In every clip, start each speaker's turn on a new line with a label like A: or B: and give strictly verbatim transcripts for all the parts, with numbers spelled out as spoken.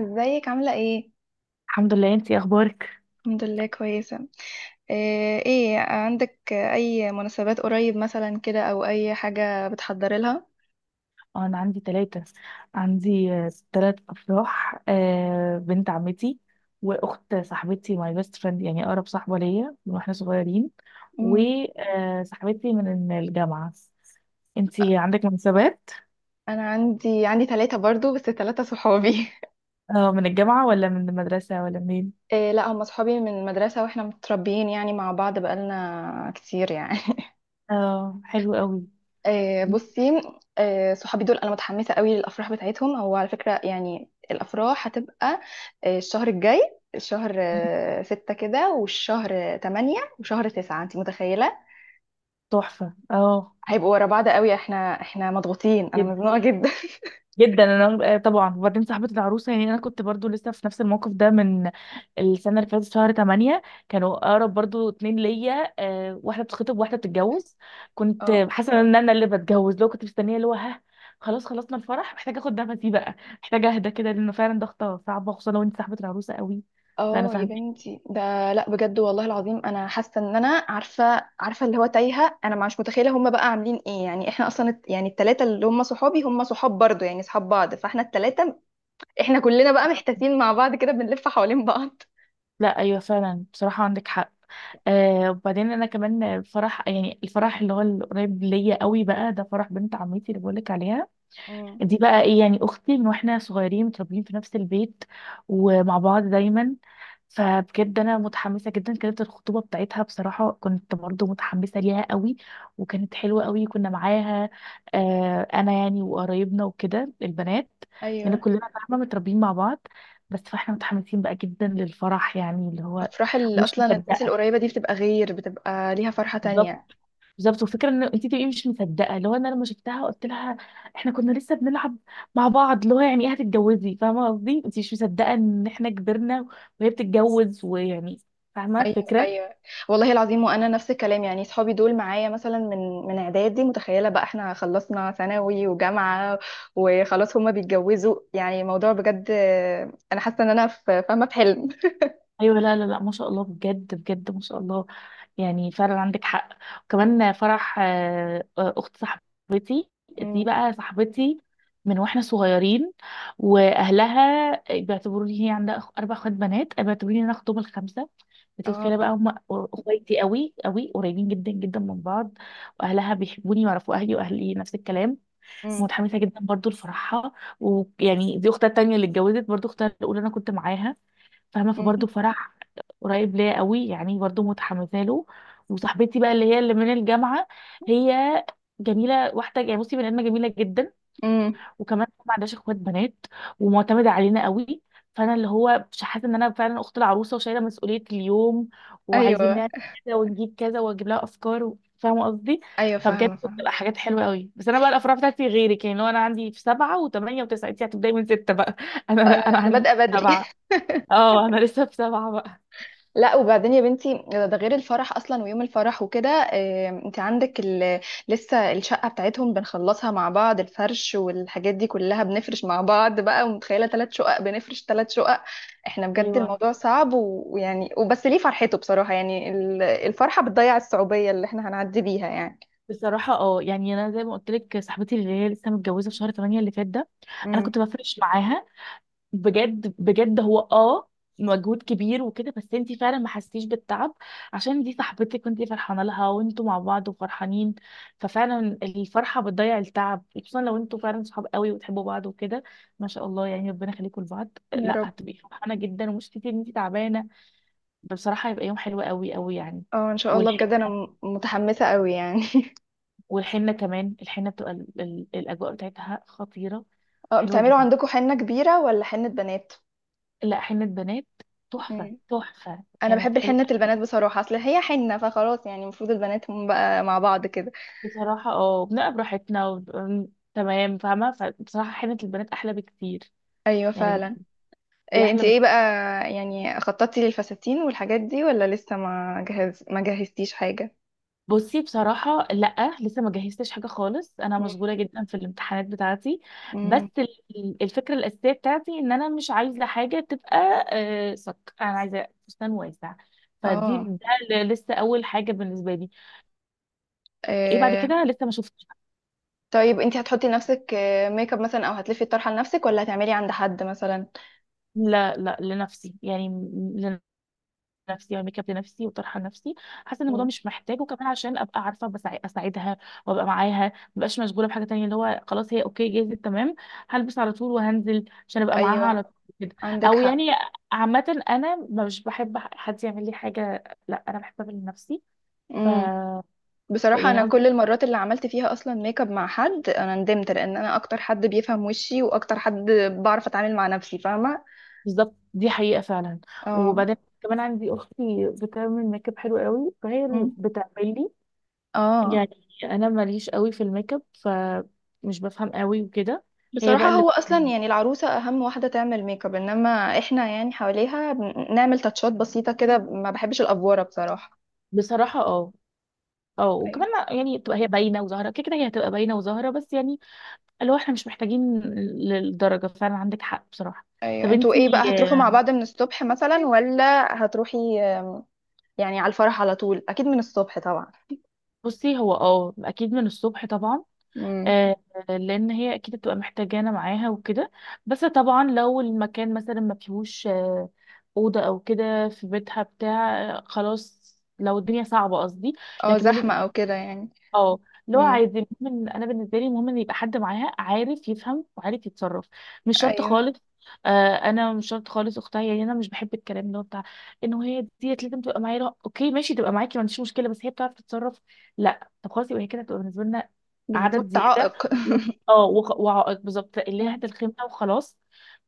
A: ازيك عاملة ايه؟
B: الحمد لله. انتي إيه اخبارك؟
A: الحمد لله كويسة. آه، ايه عندك اي مناسبات قريب مثلا كده او اي حاجة بتحضري لها؟
B: اه، انا عندي ثلاثة عندي ثلاث افراح، آه، بنت عمتي واخت صاحبتي ماي بيست فريند، يعني اقرب صاحبة ليا من واحنا صغيرين،
A: مم.
B: وصاحبتي من الجامعة. انتي عندك مناسبات؟
A: انا عندي عندي ثلاثة برضو، بس ثلاثة صحابي.
B: اه من الجامعة ولا من المدرسة ولا منين؟
A: إيه، لا، هم صحابي من المدرسة واحنا متربيين يعني مع بعض بقالنا كتير يعني.
B: اه، حلو قوي.
A: آه، بصي. آه، صحابي دول انا متحمسه قوي للافراح بتاعتهم. هو على فكره يعني الافراح هتبقى آه، الشهر الجاي، الشهر آه، ستة كده، والشهر آه، تمانية، وشهر تسعة، انت متخيله؟
B: تحفة، اه.
A: هيبقوا ورا بعض قوي. احنا احنا مضغوطين، انا مزنوقه جدا.
B: جدا. انا آه، طبعا. وبعدين صاحبه العروسه، يعني انا كنت برضو لسه في نفس الموقف ده من السنه اللي فاتت، شهر تمانية. كانوا اقرب برضو اتنين ليا، آه، واحده بتخطب وواحده بتتجوز. كنت
A: اه.
B: حاسه ان انا اللي بتجوز، لو كنت مستنيه اللي هو، ها. خلاص، خلصنا الفرح، محتاجه اخد نفسي بقى. محتاجه اهدى كده لانه فعلا ضغطه صعبه، خصوصا لو انت صاحبه العروسه قوي. فانا
A: اه يا
B: فاهمه.
A: بنتي، ده لا بجد والله العظيم انا حاسه ان انا عارفه عارفه اللي هو تايهه، انا مش متخيله هم بقى عاملين ايه. يعني احنا اصلا الت- يعني التلاته اللي هم صحابي هم صحاب برضو يعني صحاب بعض، فاحنا التلاته احنا كلنا بقى محتاسين مع بعض كده بنلف حوالين بعض.
B: لا، ايوه فعلا، بصراحه عندك حق. آه وبعدين انا كمان الفرح، يعني الفرح اللي هو القريب ليا قوي بقى، ده فرح بنت عمتي اللي بقولك عليها.
A: امم.
B: دي بقى ايه؟ يعني اختي، من واحنا صغيرين متربيين في نفس البيت ومع بعض دايما. فبجد انا متحمسه جدا. كانت الخطوبه بتاعتها بصراحه كنت برضو متحمسه ليها قوي، وكانت حلوه قوي. كنا معاها، آه انا يعني، وقرايبنا وكده البنات، لان
A: ايوه.
B: كلنا فاهمه متربيين مع بعض. بس فاحنا متحمسين بقى جدا للفرح، يعني اللي هو
A: افراح ال...
B: مش
A: اصلا الناس
B: مصدقه،
A: القريبه دي بتبقى غير، بتبقى ليها فرحه
B: بالظبط.
A: تانية.
B: بالظبط، وفكرة ان انت تبقي مش مصدقه، اللي هو انا لما شفتها قلت لها احنا كنا لسه بنلعب مع بعض، اللي هو يعني ايه هتتجوزي، فاهمه قصدي؟ انت مش مصدقه ان احنا كبرنا وهي بتتجوز ويعني، فاهمه
A: ايوه،
B: الفكره.
A: ايوه، والله العظيم. وانا نفس الكلام يعني صحابي دول معايا مثلا من من اعدادي، متخيله بقى احنا خلصنا ثانوي وجامعه وخلاص هما بيتجوزوا، يعني الموضوع بجد آه، انا حاسه ان انا في فاهمه في حلم.
B: ايوه، لا لا لا، ما شاء الله، بجد بجد ما شاء الله. يعني فعلا عندك حق. وكمان فرح آه، اخت صاحبتي، دي
A: امم.
B: بقى صاحبتي من واحنا صغيرين. واهلها بيعتبروني، هي عندها أخ- اربع اخوات بنات، بيعتبروني انا اختهم الخمسه. انت
A: اه.
B: متخيله بقى؟ هم اخواتي قوي قوي، قريبين جدا جدا من بعض. واهلها بيحبوني ويعرفوا اهلي، واهلي نفس الكلام.
A: امم.
B: متحمسه جدا برضو لفرحها، ويعني دي اختها التانيه اللي اتجوزت، برضو اختها الاولى انا كنت معاها فاهمه،
A: أمم.
B: فبرضه فرح قريب ليا قوي، يعني برضه متحمسه له. وصاحبتي بقى اللي هي اللي من الجامعه، هي جميله. واحده، يعني بصي، بني ادمه جميله جدا،
A: أمم.
B: وكمان ما عندهاش اخوات بنات، ومعتمده علينا قوي. فانا اللي هو مش حاسه ان انا فعلا اخت العروسه وشايله مسؤوليه اليوم، وعايزين
A: ايوه،
B: نعمل كذا ونجيب كذا واجيب لها افكار و- فاهمه قصدي؟
A: ايوه،
B: فبجد
A: فاهمه فاهمه.
B: بتبقى حاجات حلوه قوي. بس انا بقى الافراح بتاعتي غيرك، يعني لو انا عندي في سبعه وثمانيه وتسعه، انت هتبداي من سته بقى. انا
A: انا
B: لا، انا
A: أنا
B: عندي
A: بادئه بدري.
B: سبعه. اه، انا لسه في سبعة بقى.
A: لا، وبعدين يا بنتي، ده ده غير الفرح اصلا ويوم الفرح وكده. آه، انت عندك ال... لسه الشقه بتاعتهم بنخلصها مع بعض، الفرش والحاجات دي كلها بنفرش مع بعض بقى. ومتخيله ثلاث شقق؟ بنفرش ثلاث شقق. احنا بجد
B: ايوه.
A: الموضوع صعب و- ويعني وبس ليه فرحته بصراحه، يعني ال- الفرحه بتضيع الصعوبيه اللي احنا هنعدي بيها يعني.
B: بصراحة اه يعني انا زي ما قلت لك، صاحبتي اللي هي لسه متجوزة في شهر تمانية اللي فات ده، انا
A: امم.
B: كنت بفرش معاها. بجد بجد هو، اه مجهود كبير وكده. بس انتي فعلا ما حسيتيش بالتعب عشان دي صاحبتك، وانتي فرحانة لها وانتوا مع بعض وفرحانين. ففعلا الفرحة بتضيع التعب، خصوصا لو انتوا فعلا صحاب قوي وتحبوا بعض وكده. ما شاء الله يعني، ربنا يخليكم لبعض.
A: يا
B: لا،
A: رب.
B: هتبقي فرحانة جدا ومش كتير ان انتي تعبانة. بصراحة هيبقى يوم حلو قوي قوي يعني.
A: اه ان شاء الله بجد، انا م- متحمسه قوي يعني.
B: والحنة كمان، الحنة بتبقى ال- ال- الأجواء بتاعتها خطيرة.
A: اه،
B: حلوة
A: بتعملوا
B: جدا.
A: عندكم حنه كبيره ولا حنه بنات؟
B: لا، حنة بنات. تحفة، تحفة،
A: انا
B: كانت
A: بحب
B: حلوة.
A: الحنة البنات بصراحة، اصل هي حنة، فخلاص يعني المفروض البنات هم بقى مع بعض كده.
B: بصراحة، اه، بنبقى براحتنا و... تمام، فاهمة. فبصراحة حنة البنات أحلى بكتير،
A: ايوه
B: يعني بت-
A: فعلا.
B: دي
A: إيه،
B: أحلى
A: انت ايه
B: بكتير.
A: بقى؟ يعني خططتي للفساتين والحاجات دي ولا لسه ما جهز ما جهزتيش حاجة؟
B: بصي بصراحة لأ، لسه ما جهزتش حاجة خالص. أنا
A: مم.
B: مشغولة جدا في الامتحانات بتاعتي. بس
A: مم.
B: ال- الفكرة الأساسية بتاعتي إن أنا مش عايزة حاجة تبقى آه، صك. أنا عايزة فستان واسع. فدي
A: اه.
B: ده ل- لسه أول حاجة بالنسبة لي. ايه بعد
A: إيه.
B: كده لسه ما شفتش.
A: طيب انت هتحطي لنفسك آه، ميك اب مثلا او هتلفي الطرحة لنفسك ولا هتعملي عند حد مثلا؟
B: لا لا، لنفسي، يعني م- لنفسي، يعني ميك اب لنفسي وطرحه لنفسي. حاسه ان الموضوع
A: مم.
B: مش محتاج، وكمان عشان ابقى عارفه بسع- اساعدها، وابقى معاها ما بقاش مشغوله بحاجه تانية، اللي هو خلاص هي اوكي جاهزه تمام. هلبس على طول وهنزل عشان ابقى معاها على
A: ايوه
B: طول كده.
A: عندك
B: او
A: حق.
B: يعني، عامه انا مش بحب حد يعمل لي حاجه، لا انا بحب اعمل لنفسي. ف
A: مم.
B: ف-
A: بصراحة
B: يعني
A: أنا كل
B: قصدي.
A: المرات اللي عملت فيها أصلا ميك اب مع حد أنا ندمت، لأن أنا أكتر حد بيفهم وشي وأكتر حد بعرف أتعامل مع نفسي، فاهمة؟
B: بالظبط، دي حقيقه فعلا.
A: اه.
B: وبعدين كمان عندي اختي بتعمل ميك اب حلو قوي، فهي اللي
A: مم.
B: بتعمل لي
A: اه.
B: يعني. انا ماليش قوي في الميك اب، فمش بفهم قوي وكده. هي بقى
A: بصراحة
B: اللي،
A: هو أصلا يعني العروسة أهم واحدة تعمل ميك اب، إنما إحنا يعني حواليها بن- نعمل تاتشات بسيطة كده، ما بحبش الأفوارة بصراحة.
B: بصراحه، اه اه
A: أيوة،
B: وكمان يعني تبقى هي باينه وظاهره كده كده. هي هتبقى باينه وظاهره، بس يعني اللي هو احنا مش محتاجين للدرجه. فعلا عندك حق بصراحه.
A: أيوة،
B: طب
A: أنتوا
B: انتي،
A: إيه بقى؟ هتروحوا مع
B: آه،
A: بعض من الصبح مثلا ولا هتروحي آه، يعني على الفرح على طول، أكيد من الصبح طبعا.
B: بصي هو، اه اكيد من الصبح طبعا.
A: مم.
B: آه، لان هي اكيد هتبقى محتاجانا معاها وكده. بس طبعا لو المكان مثلا ما فيهوش آه، اوضه او كده، في بيتها بتاع آه، خلاص، لو الدنيا صعبه قصدي.
A: اه،
B: لكن
A: زحمة
B: بن-
A: أو كده يعني.
B: اه اللي هو
A: مم.
B: عادي، المهم إن- انا بالنسبه لي المهم ان يبقى حد معاها عارف يفهم وعارف يتصرف. مش شرط
A: أيوة،
B: خالص. آه انا مش شرط خالص اختها، يعني انا مش بحب الكلام اللي هو بتاع انه هي ديت لازم تبقى معايا. لا، اوكي ماشي تبقى معاكي ما عنديش مشكله، بس هي بتعرف تتصرف. لا طب خلاص، يبقى هي كده تبقى بالنسبه لنا عدد
A: بالظبط،
B: زياده
A: عائق.
B: و- اه وخ- وعائق، بالظبط، اللي هي
A: مم.
B: هات الخيمه وخلاص.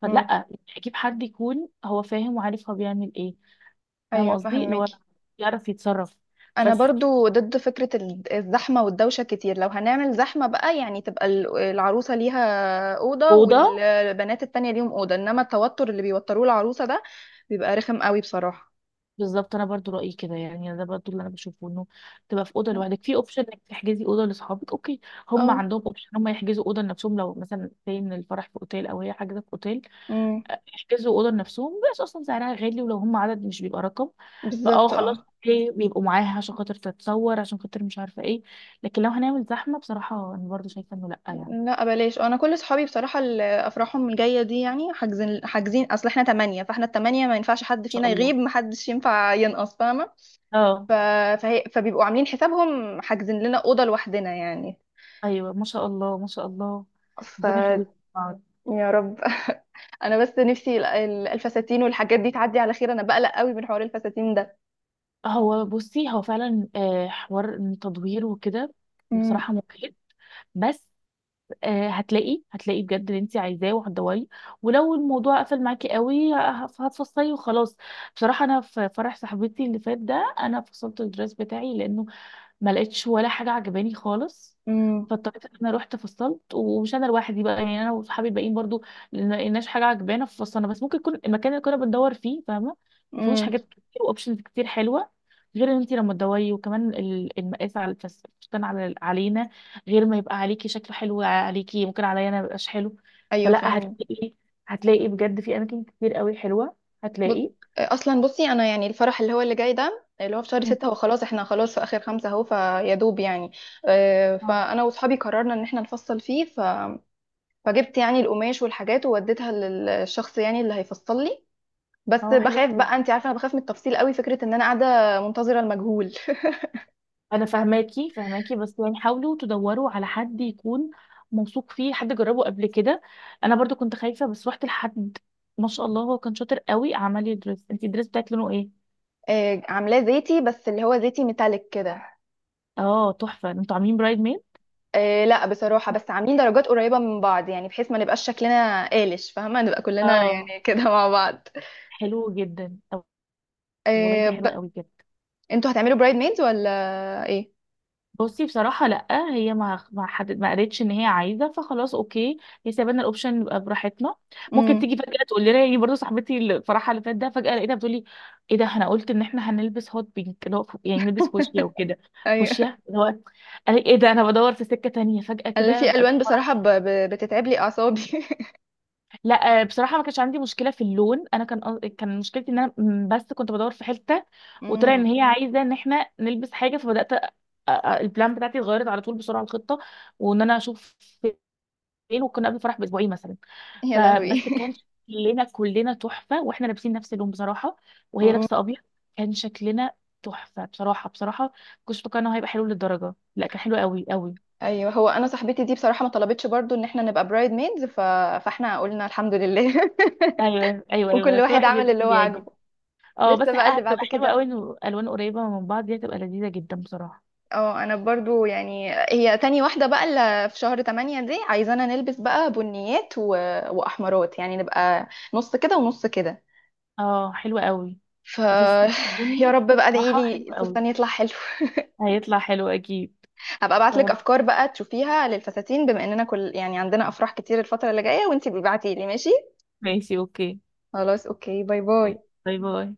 B: فلا،
A: مم.
B: اجيب حد يكون هو فاهم وعارف هو بيعمل ايه، فاهمه
A: ايوه
B: قصدي، اللي
A: فهمك.
B: هو يعرف يتصرف.
A: انا
B: بس
A: برضو ضد فكرة ال- الزحمة والدوشة كتير. لو هنعمل زحمة بقى يعني تبقى ال- العروسة ليها أوضة
B: وده
A: والبنات التانية ليهم أوضة، انما التوتر اللي بيوتروه العروسة ده بيبقى رخم قوي بصراحة.
B: بالظبط، انا برضو رايي كده، يعني ده برضو اللي انا بشوفه، انه تبقى في اوضه لوحدك، في اوبشن انك تحجزي اوضه لاصحابك، اوكي. هم
A: اه.
B: عندهم اوبشن هم يحجزوا اوضه لنفسهم، لو مثلا زي ان الفرح في اوتيل او هي حاجزه في اوتيل،
A: امم.
B: أه، يحجزوا اوضه لنفسهم. بس اصلا سعرها غالي، ولو هم عدد مش بيبقى رقم، فاه
A: بالظبط.
B: خلاص،
A: اه.
B: اوكي بيبقوا معاها عشان خاطر تتصور، عشان خاطر مش عارفه ايه. لكن لو هنعمل زحمه، بصراحه انا برضو شايفه انه لا، يعني ان
A: لا، بلاش، انا كل صحابي بصراحة اللي افراحهم الجاية دي يعني حاجزين حاجزين. اصل احنا تمانية، فاحنا التمانية ما ينفعش حد
B: شاء
A: فينا
B: الله.
A: يغيب، محدش ينفع ينقص، فاهمة؟
B: اه،
A: ف... فهي... فبيبقوا عاملين حسابهم حاجزين لنا أوضة لوحدنا يعني.
B: ايوه ما شاء الله، ما شاء الله،
A: ف
B: ربنا يخليك.
A: يا رب. انا بس نفسي ال- ال- الفساتين والحاجات دي تعدي على خير، انا بقلق قوي من حوار الفساتين ده.
B: هو بصي، هو فعلا آه، حوار إن تدوير وكده
A: امم.
B: بصراحة مجهد. بس آه، هتلاقي، هتلاقي بجد اللي انت عايزاه وهتدوري، ولو الموضوع قفل معاكي قوي ه- هتفصلي وخلاص. بصراحة انا في فرح صاحبتي اللي فات ده، انا فصلت الدرس بتاعي لانه ما لقيتش ولا حاجه عجباني خالص.
A: امم.
B: فاضطريت ان انا رحت فصلت، ومش انا لوحدي بقى يعني، انا وصحابي الباقيين برضو ما لقيناش حاجه عجبانا ففصلنا. بس ممكن يكون المكان اللي كنا بندور فيه، فاهمه، ما فيهوش
A: امم.
B: حاجات كتير واوبشنز كتير حلوه. غير ان انت لما تدوري، وكمان ال- المقاس على الفس- الفستان على علينا، غير ما يبقى عليكي شكله حلو عليكي، ممكن عليا انا ما يبقاش حلو.
A: ايوه
B: فلا،
A: فاهم.
B: هتلاقي، هتلاقي بجد في اماكن كتير قوي حلوه،
A: بص
B: هتلاقي.
A: اصلا بصي انا يعني الفرح اللي هو اللي جاي ده اللي هو في شهر
B: مم.
A: ستة، هو خلاص احنا خلاص في اخر خمسة اهو، فيا دوب يعني. آه،
B: اه،
A: فانا واصحابي قررنا ان احنا نفصل فيه. ف... فجبت يعني القماش والحاجات ووديتها للشخص يعني اللي هيفصل لي، بس
B: اه،
A: بخاف
B: حلوه.
A: بقى. انت عارفه انا بخاف من التفصيل قوي، فكره ان انا قاعده منتظره المجهول.
B: انا فاهماكي فاهماكي، بس يعني حاولوا تدوروا على حد يكون موثوق فيه، حد جربه قبل كده. انا برضو كنت خايفه بس رحت لحد، ما شاء الله هو كان شاطر قوي، عمل لي دريس. انت الدريس بتاعك لونه ايه؟
A: آه، عاملاه زيتي، بس اللي هو زيتي ميتاليك كده.
B: اه، تحفه. انتوا عاملين برايد ميد؟
A: آه، لا بصراحه، بس عاملين درجات قريبه من بعض، يعني بحيث ما نبقاش شكلنا قالش، فاهمه، نبقى كلنا
B: اه،
A: يعني كده مع بعض.
B: حلو جدا. طب والله
A: آه،
B: دي حلوه
A: ب...
B: قوي كده.
A: انتوا هتعملوا برايد ميدز ولا ايه؟
B: بصي بصراحة لأ، هي ما ما حدد، ما قالتش إن هي عايزة، فخلاص أوكي، هي سايبانا الأوبشن يبقى براحتنا. ممكن
A: امم.
B: تيجي فجأة تقول لنا، يعني برضه صاحبتي الفرحة اللي فات ده فجأة لقيتها بتقولي إيه ده، إحنا قلت إن إحنا هنلبس هوت بينك، اللي هو فو- يعني نلبس فوشيا وكده.
A: ايوه،
B: فوشيا، اللي هو قال إيه ده، أنا بدور في سكة تانية فجأة
A: انا في
B: كده.
A: الوان بصراحه ب... ب... بتتعب لي اعصابي.
B: لا آه، بصراحه ما كانش عندي مشكله في اللون. انا كان قص- كان مشكلتي ان انا، م- بس كنت بدور في حته، وطلع ان
A: امم.
B: هي عايزه ان احنا نلبس حاجه. فبدات أ- أ- البلان بتاعتي اتغيرت على طول بسرعه، الخطه وان انا اشوف فين، وكنا قبل الفرح باسبوعين مثلا.
A: يا
B: فبس
A: لهوي.
B: كان شكلنا كلنا تحفه، واحنا لابسين نفس اللون بصراحه، وهي
A: مم.
B: لابسه ابيض، كان شكلنا تحفه بصراحه، بصراحه كنتش متوقعه انه هيبقى حلو للدرجه، لا كان حلو قوي قوي.
A: ايوه، هو انا صاحبتي دي بصراحه ما طلبتش برضو ان احنا نبقى برايد ميدز، ف... فاحنا قلنا الحمد لله.
B: ايوه ايوه ايوه،
A: وكل
B: كل
A: واحد
B: واحد
A: عمل
B: يلبس
A: اللي هو
B: اللي يعجبه.
A: عاجبه.
B: اه، بس
A: لسه بقى اللي
B: هتبقى
A: بعد
B: حلوة قوي
A: كده.
B: انه الوان قريبة من بعض، دي هتبقى لذيذة جدا بصراحة.
A: اه، انا برضو يعني هي تاني واحدة بقى اللي في شهر تمانية دي عايزانا نلبس بقى بنيات و... واحمرات، يعني نبقى نص كده ونص كده.
B: اه، حلوة قوي
A: ف
B: الفستان
A: يا
B: البني.
A: رب بقى، ادعي
B: راحة
A: لي
B: حلوة قوي.
A: الفستان يطلع حلو.
B: هيطلع حلو اكيد.
A: هبقى
B: إن
A: ابعت
B: شاء
A: لك
B: الله.
A: افكار بقى تشوفيها للفساتين، بما اننا كل يعني عندنا افراح كتير الفترة اللي جاية، وانتي بتبعتي لي، ماشي؟
B: ماشي، اوكي،
A: خلاص، اوكي، باي باي.
B: باي باي.